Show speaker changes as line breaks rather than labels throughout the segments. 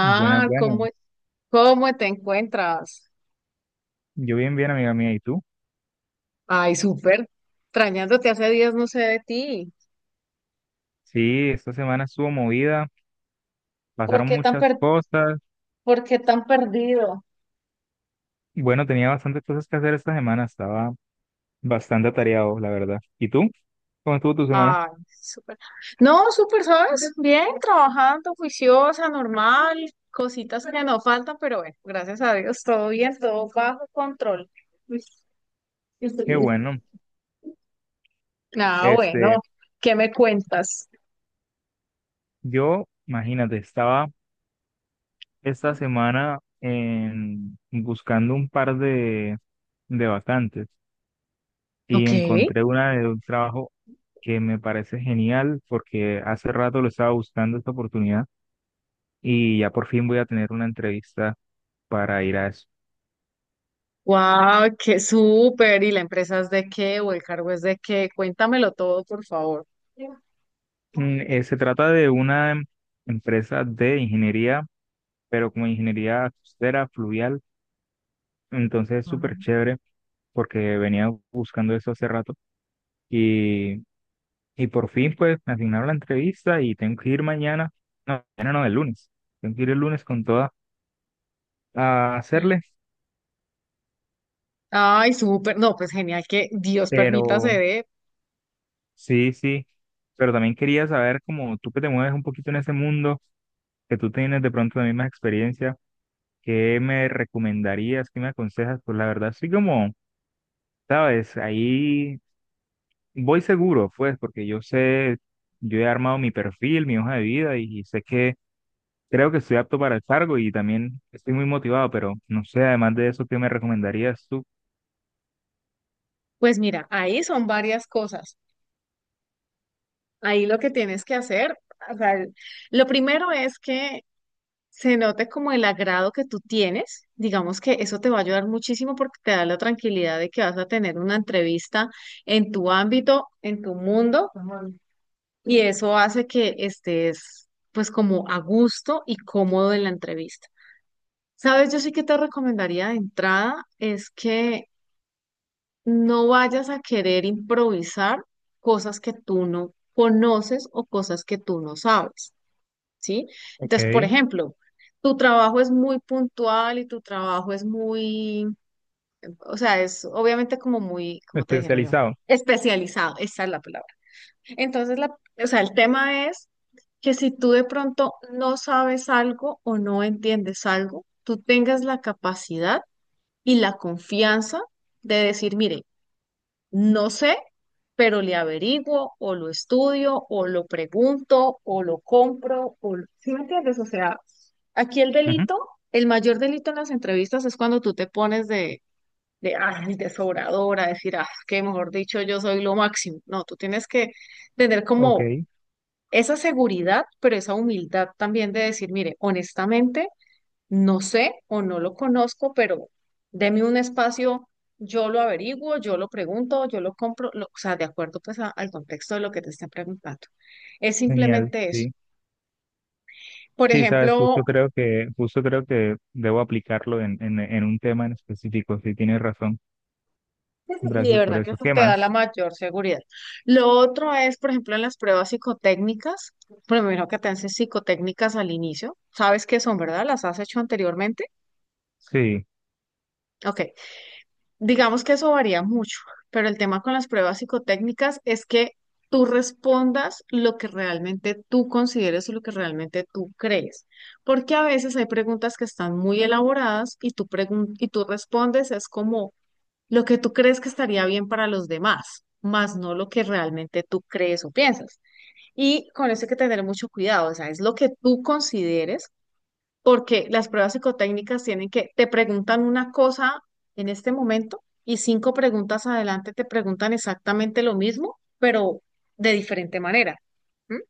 Buenas, buenas.
¿cómo, cómo te encuentras?
Yo bien, bien, amiga mía. ¿Y tú?
Ay, súper. Extrañándote hace días, no sé de ti.
Sí, esta semana estuvo movida,
¿Por
pasaron
qué tan
muchas
per-
cosas.
por qué tan perdido?
Bueno, tenía bastantes cosas que hacer esta semana, estaba bastante atareado, la verdad. ¿Y tú? ¿Cómo estuvo tu semana?
Ay, súper. No, súper, ¿sabes? Bien, trabajando, juiciosa, normal, cositas que no faltan, pero bueno, gracias a Dios, todo bien, todo bajo control.
Qué bueno.
Ah,
Este,
bueno, ¿qué me cuentas?
yo, imagínate, estaba esta semana buscando un par de vacantes y
Ok.
encontré una de un trabajo que me parece genial porque hace rato lo estaba buscando esta oportunidad. Y ya por fin voy a tener una entrevista para ir a eso.
Wow, qué súper. ¿Y la empresa es de qué o el cargo es de qué? Cuéntamelo todo, por favor.
Se trata de una empresa de ingeniería, pero como ingeniería costera, fluvial, entonces es
Ah.
súper chévere porque venía buscando eso hace rato y, y por fin pues me asignaron la entrevista y tengo que ir mañana no, el lunes, tengo que ir el lunes con toda a hacerle,
Ay, súper. No, pues genial que Dios permita se
pero
dé.
sí, sí, pero también quería saber como tú que te mueves un poquito en ese mundo, que tú tienes de pronto la misma experiencia. ¿Qué me recomendarías? ¿Qué me aconsejas? Pues la verdad, sí como, sabes, ahí voy seguro, pues, porque yo sé, yo he armado mi perfil, mi hoja de vida sé que creo que estoy apto para el cargo y también estoy muy motivado, pero no sé, además de eso, ¿qué me recomendarías tú?
Pues mira, ahí son varias cosas. Ahí lo que tienes que hacer, o sea, lo primero es que se note como el agrado que tú tienes. Digamos que eso te va a ayudar muchísimo porque te da la tranquilidad de que vas a tener una entrevista en tu ámbito, en tu mundo. Y eso hace que estés pues como a gusto y cómodo en la entrevista. Sabes, yo sí que te recomendaría de entrada es que no vayas a querer improvisar cosas que tú no conoces o cosas que tú no sabes, ¿sí?
Ok,
Entonces, por ejemplo, tu trabajo es muy puntual y tu trabajo es muy, o sea, es obviamente como muy, ¿cómo te dijera yo?
especializado.
Especializado, esa es la palabra. Entonces, la, o sea, el tema es que si tú de pronto no sabes algo o no entiendes algo, tú tengas la capacidad y la confianza de decir, mire, no sé, pero le averiguo o lo estudio o lo pregunto o lo compro o lo... ¿Sí me entiendes? O sea, aquí el
Ujú.
delito, el mayor delito en las entrevistas es cuando tú te pones de, ay, de sobradora, decir, ah, que mejor dicho, yo soy lo máximo. No, tú tienes que tener
Ok,
como esa seguridad, pero esa humildad también de decir, mire, honestamente, no sé o no lo conozco, pero deme un espacio, yo lo averiguo, yo lo pregunto, yo lo compro, o sea, de acuerdo pues al contexto de lo que te están preguntando. Es
genial,
simplemente eso.
sí.
Por
Sí, sabes,
ejemplo,
justo creo que debo aplicarlo en un tema en específico, sí, tienes razón.
y de
Gracias por
verdad que
eso.
eso
¿Qué
te da la
más?
mayor seguridad. Lo otro es, por ejemplo, en las pruebas psicotécnicas, primero que te hacen psicotécnicas al inicio, ¿sabes qué son, verdad? ¿Las has hecho anteriormente?
Sí,
Ok. Digamos que eso varía mucho, pero el tema con las pruebas psicotécnicas es que tú respondas lo que realmente tú consideres o lo que realmente tú crees, porque a veces hay preguntas que están muy elaboradas y tú, y tú respondes es como lo que tú crees que estaría bien para los demás, más no lo que realmente tú crees o piensas. Y con eso hay que tener mucho cuidado, o sea, es lo que tú consideres porque las pruebas psicotécnicas tienen que, te preguntan una cosa en este momento y cinco preguntas adelante te preguntan exactamente lo mismo, pero de diferente manera. ¿M?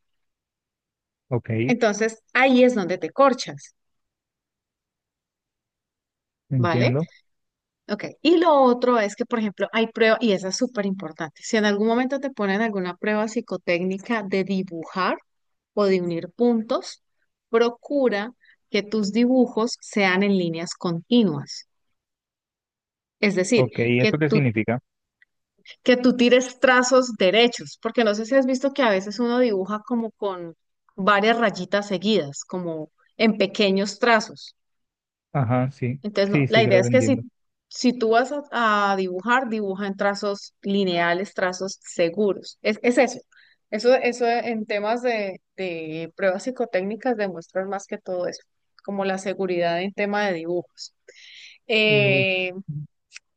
ok.
Entonces, ahí es donde te corchas, ¿vale?
Entiendo.
Ok. Y lo otro es que, por ejemplo, hay pruebas, y esa es súper importante, si en algún momento te ponen alguna prueba psicotécnica de dibujar o de unir puntos, procura que tus dibujos sean en líneas continuas. Es decir,
Ok, ¿y
que
eso qué
tú
significa?
que tú tires trazos derechos, porque no sé si has visto que a veces uno dibuja como con varias rayitas seguidas, como en pequeños trazos.
Ajá, sí.
Entonces, no,
Sí,
la
sí,
idea
creo
es
que
que
entiendo.
si, si tú vas a dibujar, dibuja en trazos lineales, trazos seguros. Es eso. Eso en temas de pruebas psicotécnicas demuestran más que todo eso, como la seguridad en tema de dibujos.
Uy,
Eh,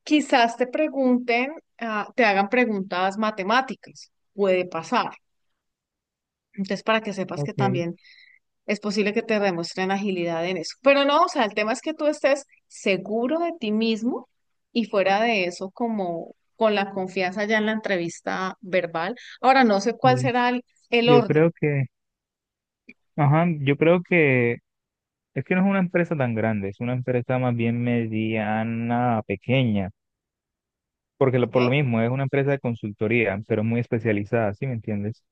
Quizás te pregunten, ah, te hagan preguntas matemáticas, puede pasar. Entonces, para que sepas que
ok.
también es posible que te demuestren agilidad en eso. Pero no, o sea, el tema es que tú estés seguro de ti mismo y fuera de eso, como con la confianza ya en la entrevista verbal. Ahora, no sé cuál
Sí.
será el
Yo
orden,
creo que, ajá, yo creo que es que no es una empresa tan grande, es una empresa más bien mediana, pequeña, porque por lo
¿ok?
mismo es una empresa de consultoría, pero muy especializada, ¿sí me entiendes?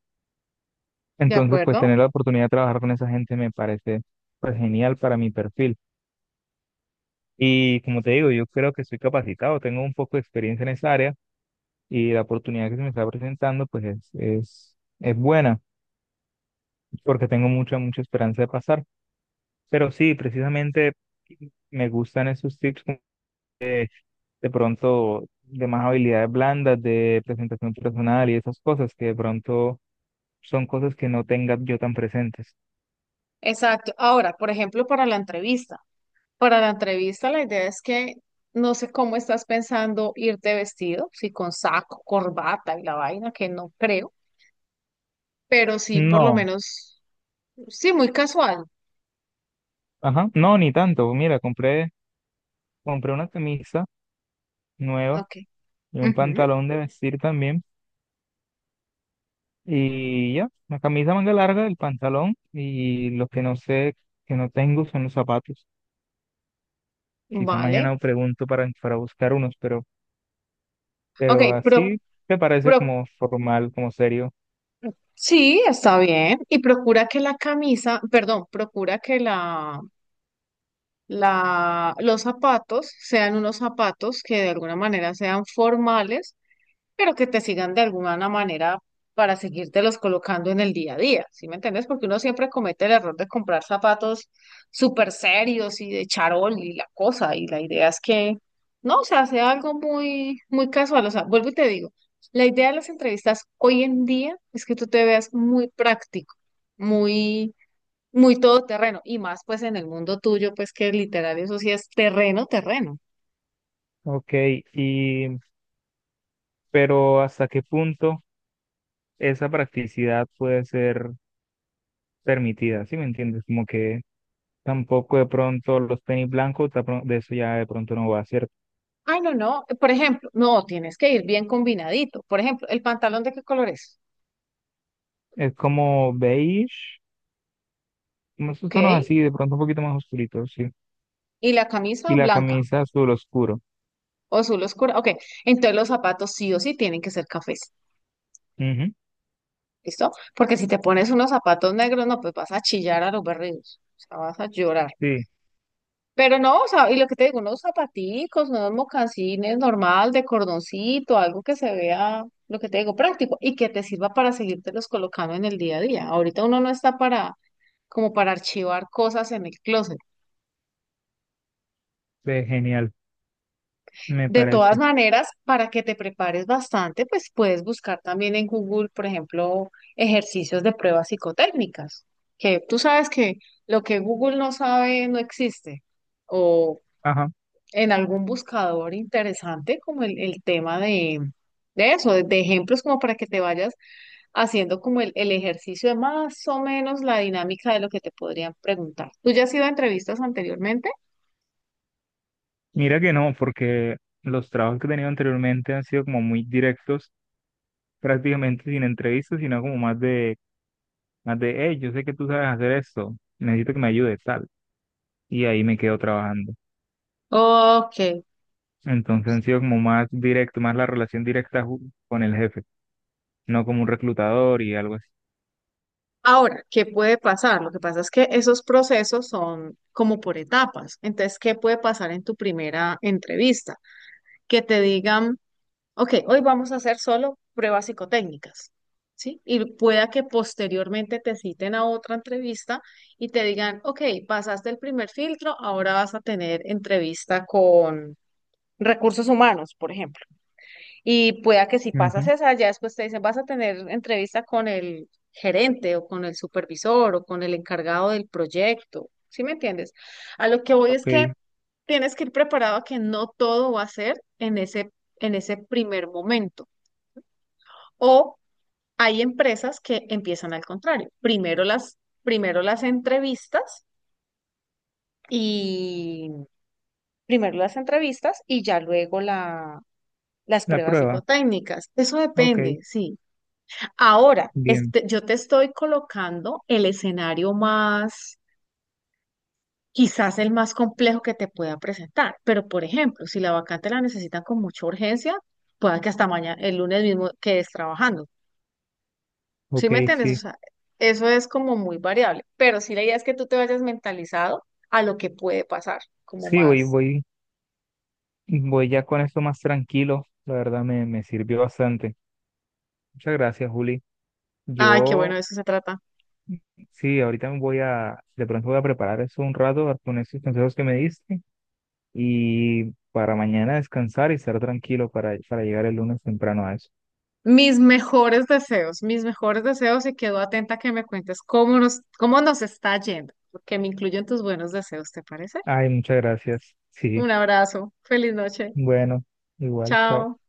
¿De
Entonces, pues
acuerdo?
tener la oportunidad de trabajar con esa gente me parece pues genial para mi perfil. Y como te digo, yo creo que soy capacitado, tengo un poco de experiencia en esa área. Y la oportunidad que se me está presentando pues es buena porque tengo mucha, mucha esperanza de pasar. Pero sí, precisamente me gustan esos tips como de pronto de más habilidades blandas, de presentación personal y esas cosas que de pronto son cosas que no tenga yo tan presentes.
Exacto. Ahora, por ejemplo, para la entrevista. Para la entrevista, la idea es que no sé cómo estás pensando irte vestido, si con saco, corbata y la vaina, que no creo, pero sí por lo
No,
menos, sí, muy casual.
ajá, no, ni tanto. Mira, compré una camisa nueva
Ok.
y un
Ujú.
pantalón de vestir también. Y ya, la camisa manga larga, el pantalón y lo que no sé, que no tengo son los zapatos. Quizá
Vale.
mañana pregunto para buscar unos,
Ok,
pero así te parece
pro,
como formal, como serio.
sí, está bien. Y procura que la camisa, perdón, procura que los zapatos sean unos zapatos que de alguna manera sean formales pero que te sigan de alguna manera para seguírtelos colocando en el día a día, ¿sí me entiendes? Porque uno siempre comete el error de comprar zapatos súper serios y de charol y la cosa, y la idea es que, no, o sea, sea algo muy, muy casual, o sea, vuelvo y te digo, la idea de las entrevistas hoy en día es que tú te veas muy práctico, muy, muy todoterreno, y más pues en el mundo tuyo, pues que literal eso sí es terreno, terreno.
Ok, y, pero ¿hasta qué punto esa practicidad puede ser permitida? ¿Sí me entiendes? Como que tampoco de pronto los tenis blancos, de de eso ya de pronto no va, ¿cierto?
Ay, no, no. Por ejemplo, no, tienes que ir bien combinadito. Por ejemplo, ¿el pantalón de qué color es?
Es como beige, como esos
¿Ok?
tonos así, de pronto un poquito más oscuritos, ¿sí?
¿Y la camisa
Y la
blanca
camisa azul oscuro.
o azul oscura? Ok. Entonces los zapatos sí o sí tienen que ser cafés.
Ujú.
¿Listo? Porque si te pones unos zapatos negros, no, pues vas a chillar a los berridos. O sea, vas a llorar.
Sí,
Pero no, o sea, y lo que te digo, unos zapaticos, unos mocasines normal, de cordoncito, algo que se vea, lo que te digo, práctico y que te sirva para seguirte los colocando en el día a día. Ahorita uno no está para como para archivar cosas en el closet.
ve genial, me
De todas
parece.
maneras, para que te prepares bastante, pues puedes buscar también en Google, por ejemplo, ejercicios de pruebas psicotécnicas, que tú sabes que lo que Google no sabe no existe. O
Ajá.
en algún buscador interesante, como el tema de eso, de ejemplos como para que te vayas haciendo como el ejercicio de más o menos la dinámica de lo que te podrían preguntar. ¿Tú ya has ido a entrevistas anteriormente?
Mira que no, porque los trabajos que he tenido anteriormente han sido como muy directos, prácticamente sin entrevistas, sino como más de, hey, yo sé que tú sabes hacer esto, necesito que me ayudes, tal. Y ahí me quedo trabajando.
Ok.
Entonces han sido como más directo, más la relación directa con el jefe, no como un reclutador y algo así.
Ahora, ¿qué puede pasar? Lo que pasa es que esos procesos son como por etapas. Entonces, ¿qué puede pasar en tu primera entrevista? Que te digan, ok, hoy vamos a hacer solo pruebas psicotécnicas, ¿sí? Y pueda que posteriormente te citen a otra entrevista y te digan, ok, pasaste el primer filtro, ahora vas a tener entrevista con recursos humanos, por ejemplo. Y pueda que si pasas
Ujú.
esa, ya después te dicen, vas a tener entrevista con el gerente o con el supervisor o con el encargado del proyecto. ¿Sí me entiendes? A lo que voy es
Ok,
que tienes que ir preparado a que no todo va a ser en ese primer momento. O hay empresas que empiezan al contrario. Primero las entrevistas y ya luego las
la
pruebas
prueba,
psicotécnicas. Eso
ok,
depende, sí. Ahora,
bien,
este, yo te estoy colocando el escenario más, quizás el más complejo que te pueda presentar, pero por ejemplo, si la vacante la necesitan con mucha urgencia, pueda que hasta mañana, el lunes mismo, quedes trabajando. ¿Sí
ok,
me entiendes? O
sí.
sea, eso es como muy variable, pero sí la idea es que tú te vayas mentalizado a lo que puede pasar, como
Sí, voy,
más,
voy. Voy ya con esto más tranquilo, la verdad me, me sirvió bastante. Muchas gracias, Juli.
ay, qué bueno,
Yo,
de eso se trata.
sí, ahorita me voy a, de pronto voy a preparar eso un rato con esos consejos que me diste y para mañana descansar y estar tranquilo para llegar el lunes temprano a eso.
Mis mejores deseos y quedo atenta a que me cuentes cómo cómo nos está yendo, porque me incluyen tus buenos deseos, ¿te parece?
Ay, muchas gracias.
Un
Sí,
abrazo, feliz noche,
bueno, igual, chao.
chao.